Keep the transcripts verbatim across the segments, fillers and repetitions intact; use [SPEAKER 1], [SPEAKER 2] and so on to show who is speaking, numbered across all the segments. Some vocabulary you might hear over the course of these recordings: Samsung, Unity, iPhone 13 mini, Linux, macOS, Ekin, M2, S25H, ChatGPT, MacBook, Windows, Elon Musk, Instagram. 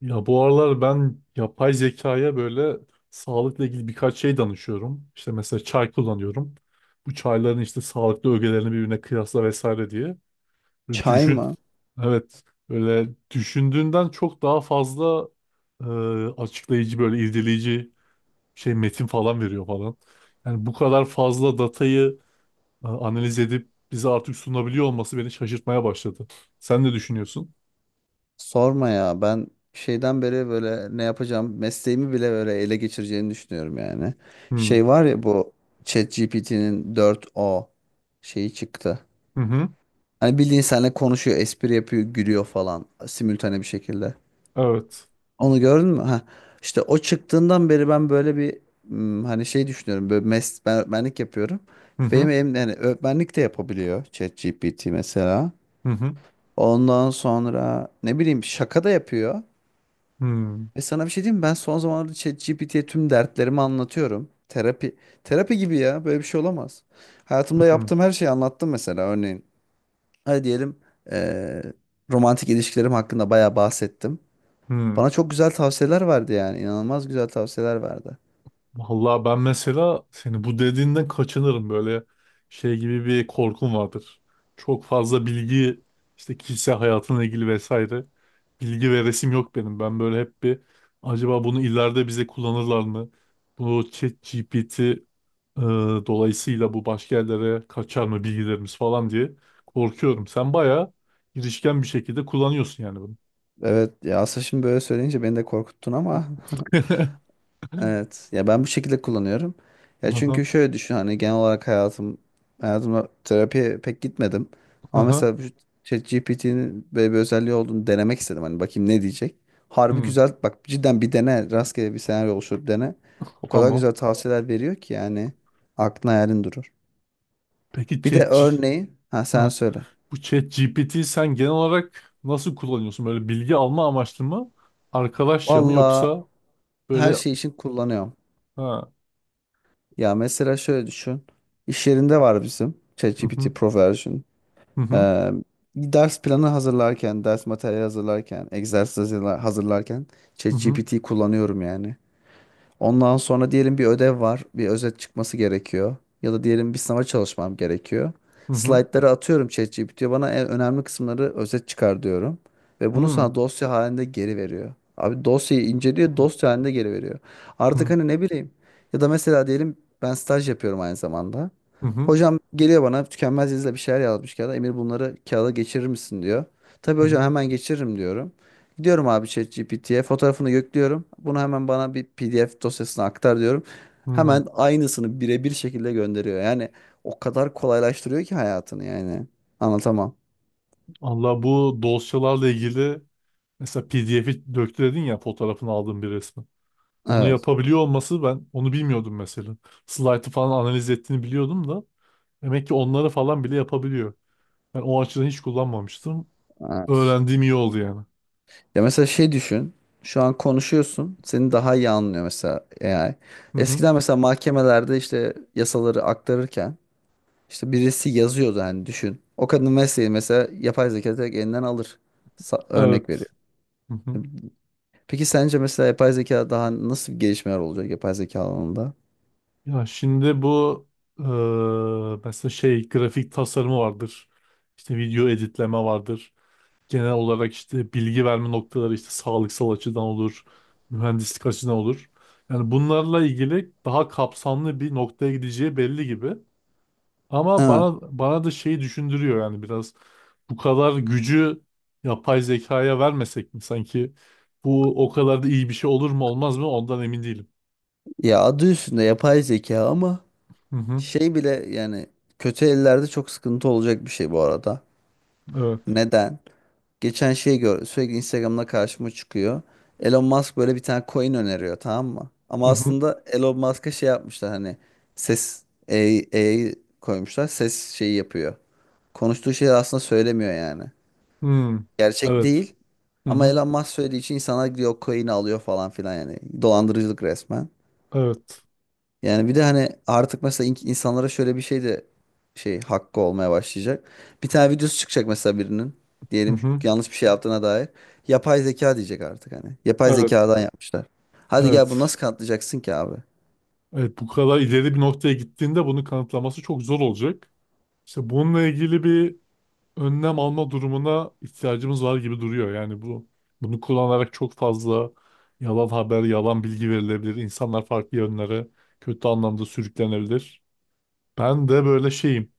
[SPEAKER 1] Ya bu aralar ben yapay zekaya böyle sağlıkla ilgili birkaç şey danışıyorum. İşte mesela çay kullanıyorum. Bu çayların işte sağlıklı ögelerini birbirine kıyasla vesaire diye. Böyle
[SPEAKER 2] Çay
[SPEAKER 1] düşün.
[SPEAKER 2] mı?
[SPEAKER 1] Evet. Böyle düşündüğünden çok daha fazla e, açıklayıcı böyle irdeleyici şey metin falan veriyor falan. Yani bu kadar fazla datayı e, analiz edip bize artık sunabiliyor olması beni şaşırtmaya başladı. Sen ne düşünüyorsun?
[SPEAKER 2] Sorma ya. Ben şeyden beri böyle ne yapacağım mesleğimi bile böyle ele geçireceğini düşünüyorum yani.
[SPEAKER 1] Hmm.
[SPEAKER 2] Şey var ya bu ChatGPT'nin dört o şeyi çıktı.
[SPEAKER 1] Hı hı.
[SPEAKER 2] Hani bildiğin seninle konuşuyor, espri yapıyor, gülüyor falan simültane bir şekilde.
[SPEAKER 1] Evet.
[SPEAKER 2] Onu gördün mü? Ha. İşte o çıktığından beri ben böyle bir hmm, hani şey düşünüyorum. Böyle mes ben öğretmenlik yapıyorum.
[SPEAKER 1] Hı hı.
[SPEAKER 2] Benim elim yani öğretmenlik de yapabiliyor ChatGPT mesela.
[SPEAKER 1] Hı hı.
[SPEAKER 2] Ondan sonra ne bileyim şaka da yapıyor.
[SPEAKER 1] Hmm,
[SPEAKER 2] Ve sana bir şey diyeyim mi? Ben son zamanlarda ChatGPT'ye tüm dertlerimi anlatıyorum. Terapi terapi gibi ya. Böyle bir şey olamaz. Hayatımda
[SPEAKER 1] hmm,
[SPEAKER 2] yaptığım her şeyi anlattım mesela. Örneğin hadi diyelim eee, romantik ilişkilerim hakkında bayağı bahsettim.
[SPEAKER 1] hmm.
[SPEAKER 2] Bana çok güzel tavsiyeler verdi yani. İnanılmaz güzel tavsiyeler verdi.
[SPEAKER 1] Vallahi ben mesela seni bu dediğinden kaçınırım böyle şey gibi bir korkum vardır. Çok fazla bilgi işte kişisel hayatımla ilgili vesaire bilgi ve resim yok benim. Ben böyle hep bir acaba bunu ileride bize kullanırlar mı? Bu ChatGPT e, dolayısıyla bu başka yerlere kaçar mı bilgilerimiz falan diye korkuyorum. Sen bayağı girişken bir şekilde kullanıyorsun yani bunu.
[SPEAKER 2] Evet ya aslında şimdi böyle söyleyince beni de korkuttun ama. Evet. Ya ben bu şekilde kullanıyorum. Ya
[SPEAKER 1] Aha,
[SPEAKER 2] çünkü şöyle düşün hani genel olarak hayatım hayatımda terapiye pek gitmedim. Ama
[SPEAKER 1] aha.
[SPEAKER 2] mesela bu ChatGPT'nin böyle bir özelliği olduğunu denemek istedim. Hani bakayım ne diyecek. Harbi
[SPEAKER 1] Hmm,
[SPEAKER 2] güzel bak cidden bir dene rastgele bir senaryo oluşturup dene. O kadar
[SPEAKER 1] tamam.
[SPEAKER 2] güzel tavsiyeler veriyor ki yani aklın hayalin durur.
[SPEAKER 1] Peki
[SPEAKER 2] Bir de
[SPEAKER 1] chat,
[SPEAKER 2] örneği ha sen
[SPEAKER 1] Ha,
[SPEAKER 2] söyle.
[SPEAKER 1] bu ChatGPT'yi sen genel olarak nasıl kullanıyorsun? Böyle bilgi alma amaçlı mı? Arkadaşça mı
[SPEAKER 2] Valla
[SPEAKER 1] yoksa
[SPEAKER 2] her
[SPEAKER 1] böyle
[SPEAKER 2] şey için kullanıyorum.
[SPEAKER 1] ha
[SPEAKER 2] Ya mesela şöyle düşün. İş yerinde var bizim
[SPEAKER 1] hı hı
[SPEAKER 2] ChatGPT Pro version.
[SPEAKER 1] hı hı
[SPEAKER 2] Ee, Ders planı hazırlarken, ders materyali hazırlarken, egzersiz hazırla- hazırlarken
[SPEAKER 1] hı
[SPEAKER 2] ChatGPT kullanıyorum yani. Ondan sonra diyelim bir ödev var. Bir özet çıkması gerekiyor. Ya da diyelim bir sınava çalışmam gerekiyor.
[SPEAKER 1] hı hı
[SPEAKER 2] Slaytları atıyorum ChatGPT'ye. Bana en önemli kısımları özet çıkar diyorum. Ve
[SPEAKER 1] hı
[SPEAKER 2] bunu
[SPEAKER 1] hı
[SPEAKER 2] sana dosya halinde geri veriyor. Abi dosyayı inceliyor,
[SPEAKER 1] hı
[SPEAKER 2] dosya halinde geri veriyor. Artık hani ne bileyim. Ya da mesela diyelim ben staj yapıyorum aynı zamanda.
[SPEAKER 1] hı hı
[SPEAKER 2] Hocam geliyor bana tükenmez yazıyla bir şeyler yazmış kağıda. Emir bunları kağıda geçirir misin diyor. Tabii
[SPEAKER 1] hı
[SPEAKER 2] hocam hemen geçiririm diyorum. Gidiyorum abi ChatGPT'ye fotoğrafını yüklüyorum. Bunu hemen bana bir P D F dosyasına aktar diyorum.
[SPEAKER 1] hı.
[SPEAKER 2] Hemen aynısını birebir şekilde gönderiyor. Yani o kadar kolaylaştırıyor ki hayatını yani. Anlatamam.
[SPEAKER 1] Allah bu dosyalarla ilgili mesela P D F'yi döktü dedin ya fotoğrafını aldığın bir resmi. Onu
[SPEAKER 2] Evet.
[SPEAKER 1] yapabiliyor olması ben onu bilmiyordum mesela. Slide'ı falan analiz ettiğini biliyordum da demek ki onları falan bile yapabiliyor. Ben o açıdan hiç kullanmamıştım.
[SPEAKER 2] Evet.
[SPEAKER 1] Öğrendiğim iyi oldu yani.
[SPEAKER 2] Ya mesela şey düşün. Şu an konuşuyorsun. Seni daha iyi anlıyor mesela A I.
[SPEAKER 1] Hı hı.
[SPEAKER 2] Eskiden mesela mahkemelerde işte yasaları aktarırken işte birisi yazıyordu hani düşün. O kadının mesleği mesela yapay zeka direkt elinden alır. Sa- örnek veriyor.
[SPEAKER 1] Evet. Hı hı.
[SPEAKER 2] Peki sence mesela yapay zeka daha nasıl gelişmeler olacak yapay zeka alanında?
[SPEAKER 1] Ya şimdi bu eee, mesela şey grafik tasarımı vardır. İşte video editleme vardır. Genel olarak işte bilgi verme noktaları işte sağlıksal açıdan olur, mühendislik açıdan olur. Yani bunlarla ilgili daha kapsamlı bir noktaya gideceği belli gibi. Ama
[SPEAKER 2] Ha,
[SPEAKER 1] bana bana da şeyi düşündürüyor yani biraz bu kadar gücü yapay zekaya vermesek mi sanki bu o kadar da iyi bir şey olur mu olmaz mı ondan emin değilim.
[SPEAKER 2] ya adı üstünde yapay zeka ama
[SPEAKER 1] Hı hı.
[SPEAKER 2] şey bile yani kötü ellerde çok sıkıntı olacak bir şey bu arada.
[SPEAKER 1] Evet.
[SPEAKER 2] Neden? Geçen şey gör sürekli Instagram'da karşıma çıkıyor. Elon Musk böyle bir tane coin öneriyor tamam mı?
[SPEAKER 1] Hı
[SPEAKER 2] Ama
[SPEAKER 1] hı.
[SPEAKER 2] aslında Elon Musk'a şey yapmışlar hani ses A I, koymuşlar ses şeyi yapıyor. Konuştuğu şeyi aslında söylemiyor yani.
[SPEAKER 1] Hı.
[SPEAKER 2] Gerçek
[SPEAKER 1] Evet.
[SPEAKER 2] değil.
[SPEAKER 1] Hı
[SPEAKER 2] Ama
[SPEAKER 1] hı.
[SPEAKER 2] Elon Musk söylediği için insanlar gidiyor coin'i alıyor falan filan yani. Dolandırıcılık resmen.
[SPEAKER 1] Evet.
[SPEAKER 2] Yani bir de hani artık mesela in- insanlara şöyle bir şey de şey hakkı olmaya başlayacak. Bir tane videosu çıkacak mesela birinin.
[SPEAKER 1] Hı
[SPEAKER 2] Diyelim
[SPEAKER 1] hı.
[SPEAKER 2] yanlış bir şey yaptığına dair. Yapay zeka diyecek artık hani. Yapay
[SPEAKER 1] Evet.
[SPEAKER 2] zekadan yapmışlar. Hadi gel bunu
[SPEAKER 1] Evet.
[SPEAKER 2] nasıl kanıtlayacaksın ki abi?
[SPEAKER 1] Evet bu kadar ileri bir noktaya gittiğinde bunu kanıtlaması çok zor olacak. İşte bununla ilgili bir önlem alma durumuna ihtiyacımız var gibi duruyor. Yani bu bunu kullanarak çok fazla yalan haber, yalan bilgi verilebilir. İnsanlar farklı yönlere kötü anlamda sürüklenebilir. Ben de böyle şeyim.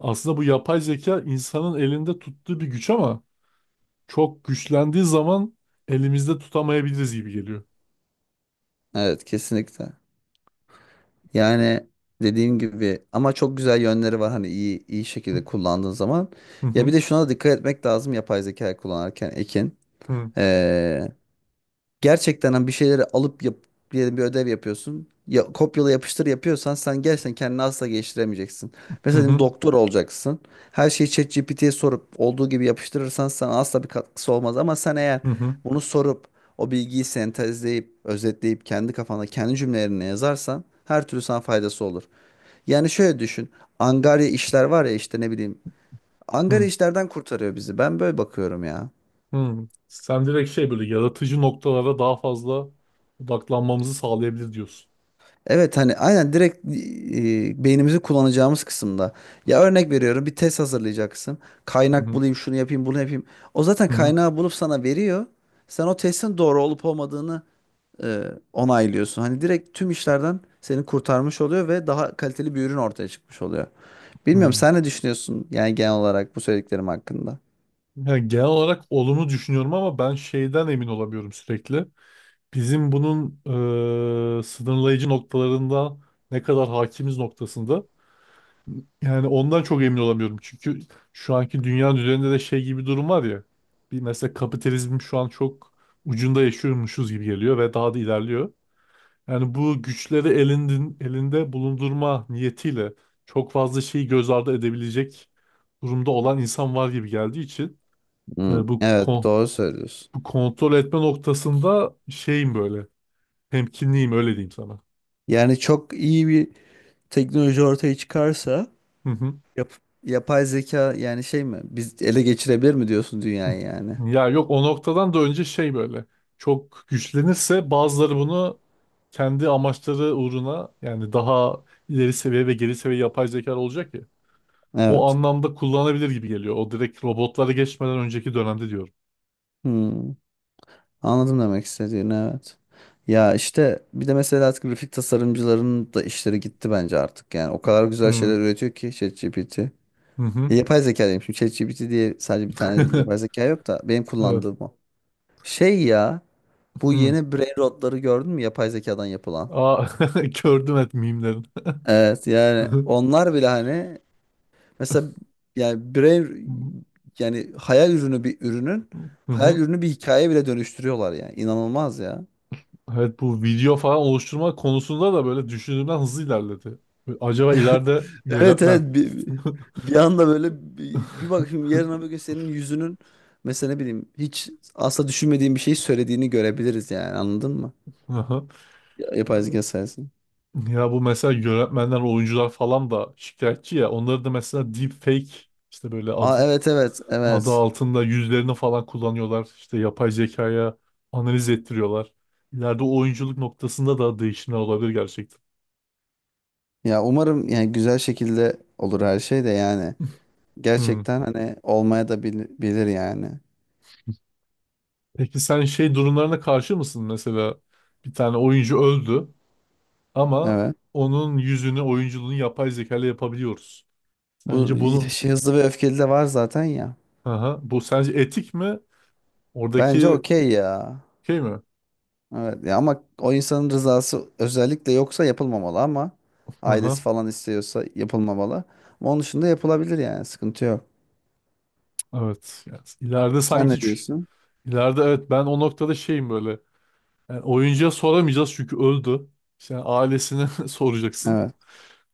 [SPEAKER 1] Aslında bu yapay zeka insanın elinde tuttuğu bir güç ama çok güçlendiği zaman elimizde tutamayabiliriz gibi geliyor.
[SPEAKER 2] Evet kesinlikle. Yani dediğim gibi ama çok güzel yönleri var hani iyi iyi şekilde kullandığın zaman.
[SPEAKER 1] Hı
[SPEAKER 2] Ya
[SPEAKER 1] hı,
[SPEAKER 2] bir de şuna da dikkat etmek lazım yapay zeka kullanırken Ekin.
[SPEAKER 1] hı,
[SPEAKER 2] Ee, Gerçekten hani bir şeyleri alıp yap, diyelim bir ödev yapıyorsun. Ya, kopyala yapıştır yapıyorsan sen gerçekten kendini asla geliştiremeyeceksin.
[SPEAKER 1] hı
[SPEAKER 2] Mesela diyelim
[SPEAKER 1] hı,
[SPEAKER 2] doktor olacaksın. Her şeyi ChatGPT'ye sorup olduğu gibi yapıştırırsan sana asla bir katkısı olmaz. Ama sen eğer
[SPEAKER 1] hı hı,
[SPEAKER 2] bunu sorup o bilgiyi sentezleyip, özetleyip kendi kafanda kendi cümlelerine yazarsan her türlü sana faydası olur. Yani şöyle düşün. Angarya işler var ya işte ne bileyim. Angarya
[SPEAKER 1] hı.
[SPEAKER 2] işlerden kurtarıyor bizi. Ben böyle bakıyorum ya.
[SPEAKER 1] Sen direkt şey böyle yaratıcı noktalara daha fazla odaklanmamızı sağlayabilir diyorsun.
[SPEAKER 2] Evet hani aynen direkt e, beynimizi kullanacağımız kısımda. Ya örnek veriyorum bir test hazırlayacaksın.
[SPEAKER 1] Hı
[SPEAKER 2] Kaynak
[SPEAKER 1] hı,
[SPEAKER 2] bulayım şunu yapayım bunu yapayım. O zaten
[SPEAKER 1] hı hı,
[SPEAKER 2] kaynağı bulup sana veriyor. Sen o testin doğru olup olmadığını e, onaylıyorsun. Hani direkt tüm işlerden seni kurtarmış oluyor ve daha kaliteli bir ürün ortaya çıkmış oluyor.
[SPEAKER 1] hı.
[SPEAKER 2] Bilmiyorum sen ne düşünüyorsun yani genel olarak bu söylediklerim hakkında?
[SPEAKER 1] Ya genel olarak olumlu düşünüyorum ama ben şeyden emin olamıyorum sürekli. Bizim bunun eee, sınırlayıcı noktalarında ne kadar hakimiz noktasında. Yani ondan çok emin olamıyorum. Çünkü şu anki dünya üzerinde de şey gibi bir durum var ya. Bir mesela kapitalizm şu an çok ucunda yaşıyormuşuz gibi geliyor ve daha da ilerliyor. Yani bu güçleri elindin, elinde bulundurma niyetiyle çok fazla şeyi göz ardı edebilecek durumda olan insan var gibi geldiği için
[SPEAKER 2] Hmm.
[SPEAKER 1] e, bu
[SPEAKER 2] Evet
[SPEAKER 1] kon-
[SPEAKER 2] doğru söylüyorsun.
[SPEAKER 1] bu kontrol etme noktasında şeyim böyle. Temkinliyim öyle diyeyim sana.
[SPEAKER 2] Yani çok iyi bir teknoloji ortaya çıkarsa
[SPEAKER 1] Hı hı.
[SPEAKER 2] yap- yapay zeka yani şey mi? Biz ele geçirebilir mi diyorsun dünyayı yani?
[SPEAKER 1] Ya yok o noktadan da önce şey böyle. Çok güçlenirse bazıları bunu kendi amaçları uğruna yani daha ileri seviye ve geri seviye yapay zeka olacak ya. O
[SPEAKER 2] Evet.
[SPEAKER 1] anlamda kullanabilir gibi geliyor. O direkt robotlara geçmeden önceki dönemde diyorum.
[SPEAKER 2] Hmm. Anladım demek istediğini evet. Ya işte bir de mesela artık grafik tasarımcıların da işleri gitti bence artık yani. O kadar güzel
[SPEAKER 1] Hı
[SPEAKER 2] şeyler üretiyor ki ChatGPT. Ya
[SPEAKER 1] hı. Hı.
[SPEAKER 2] yapay zeka diyeyim şimdi ChatGPT diye sadece bir tane yapay zeka yok da benim
[SPEAKER 1] Evet.
[SPEAKER 2] kullandığım o. Şey ya bu
[SPEAKER 1] Hı.
[SPEAKER 2] yeni brain rotları gördün mü yapay zekadan yapılan?
[SPEAKER 1] Aa, gördüm et mimlerin.
[SPEAKER 2] Evet
[SPEAKER 1] Hı
[SPEAKER 2] yani
[SPEAKER 1] hı.
[SPEAKER 2] onlar bile hani. Mesela yani birey yani hayal ürünü bir ürünün
[SPEAKER 1] Hı
[SPEAKER 2] hayal
[SPEAKER 1] hı.
[SPEAKER 2] ürünü bir hikaye bile dönüştürüyorlar yani. İnanılmaz ya.
[SPEAKER 1] Evet bu video falan oluşturma konusunda da böyle düşündüğümden hızlı ilerledi. Acaba ileride
[SPEAKER 2] Evet evet
[SPEAKER 1] yönetmen
[SPEAKER 2] bir, bir anda böyle bir, bir bakayım yarın öbür gün senin yüzünün mesela ne bileyim hiç asla düşünmediğin bir şey söylediğini görebiliriz yani anladın mı?
[SPEAKER 1] Aha.
[SPEAKER 2] Ya-
[SPEAKER 1] Ya
[SPEAKER 2] Yapay zeka sayesinde.
[SPEAKER 1] ya bu mesela yönetmenler, oyuncular falan da şikayetçi ya. Onları da mesela deepfake işte böyle adı
[SPEAKER 2] Aa evet evet
[SPEAKER 1] adı
[SPEAKER 2] evet.
[SPEAKER 1] altında yüzlerini falan kullanıyorlar. İşte yapay zekaya analiz ettiriyorlar. İleride oyunculuk noktasında da değişimler olabilir gerçekten.
[SPEAKER 2] Ya umarım yani güzel şekilde olur her şey de yani.
[SPEAKER 1] Hmm.
[SPEAKER 2] Gerçekten hani olmaya da bil- bilir yani.
[SPEAKER 1] Peki sen şey durumlarına karşı mısın? Mesela bir tane oyuncu öldü. Ama
[SPEAKER 2] Evet.
[SPEAKER 1] onun yüzünü, oyunculuğunu yapay zeka ile yapabiliyoruz.
[SPEAKER 2] Bu
[SPEAKER 1] Sence bunu,
[SPEAKER 2] şey, hızlı ve öfkeli de var zaten ya.
[SPEAKER 1] aha, bu sence etik mi?
[SPEAKER 2] Bence
[SPEAKER 1] Oradaki
[SPEAKER 2] okey ya.
[SPEAKER 1] şey mi?
[SPEAKER 2] Evet ya ama o insanın rızası özellikle yoksa yapılmamalı ama ailesi
[SPEAKER 1] Aha,
[SPEAKER 2] falan istiyorsa yapılmamalı. Ama onun dışında yapılabilir yani sıkıntı yok.
[SPEAKER 1] evet. Yani ileride
[SPEAKER 2] Sen
[SPEAKER 1] sanki
[SPEAKER 2] ne
[SPEAKER 1] ç-
[SPEAKER 2] diyorsun?
[SPEAKER 1] ileride evet ben o noktada şeyim böyle. Yani oyuncuya soramayacağız çünkü öldü. İşte yani ailesine soracaksın.
[SPEAKER 2] Evet.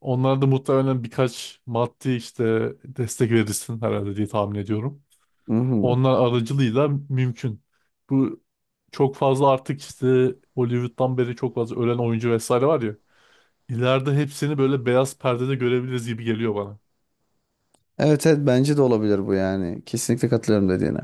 [SPEAKER 1] Onlar da muhtemelen birkaç maddi işte destek verirsin herhalde diye tahmin ediyorum.
[SPEAKER 2] Mhm.
[SPEAKER 1] Onlar aracılığıyla mümkün. Bu çok fazla artık işte Hollywood'dan beri çok fazla ölen oyuncu vesaire var ya. İleride hepsini böyle beyaz perdede görebiliriz gibi geliyor bana.
[SPEAKER 2] Evet evet bence de olabilir bu yani. Kesinlikle katılıyorum dediğine.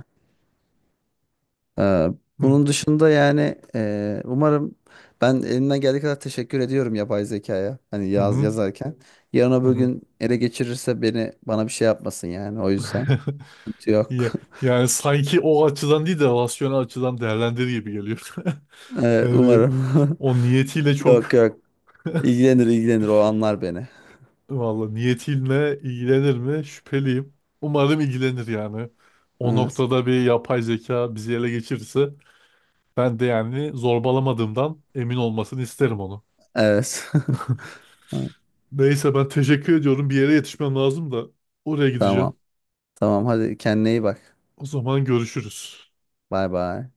[SPEAKER 2] Ee,
[SPEAKER 1] Hı
[SPEAKER 2] Bunun dışında yani e, umarım ben elimden geldiği kadar teşekkür ediyorum yapay zekaya. Hani
[SPEAKER 1] hı
[SPEAKER 2] yaz,
[SPEAKER 1] hı.
[SPEAKER 2] yazarken. Yarın
[SPEAKER 1] Hı
[SPEAKER 2] öbür
[SPEAKER 1] hı.
[SPEAKER 2] gün ele geçirirse beni bana bir şey yapmasın yani o yüzden. Sıkıntı yok.
[SPEAKER 1] Ya- Yani sanki o açıdan değil de rasyonel açıdan değerlendir gibi geliyor.
[SPEAKER 2] Ee,
[SPEAKER 1] Yani
[SPEAKER 2] umarım.
[SPEAKER 1] o niyetiyle
[SPEAKER 2] Yok
[SPEAKER 1] çok
[SPEAKER 2] yok. İlgilenir ilgilenir o anlar beni.
[SPEAKER 1] valla niyetiyle ilgilenir mi şüpheliyim. Umarım ilgilenir yani. O
[SPEAKER 2] Evet.
[SPEAKER 1] noktada bir yapay zeka bizi ele geçirirse ben de yani zorbalamadığımdan emin olmasını isterim onu.
[SPEAKER 2] Evet.
[SPEAKER 1] Neyse ben teşekkür ediyorum. Bir yere yetişmem lazım da oraya gideceğim.
[SPEAKER 2] Tamam. Tamam hadi kendine iyi bak.
[SPEAKER 1] O zaman görüşürüz.
[SPEAKER 2] Bay bay.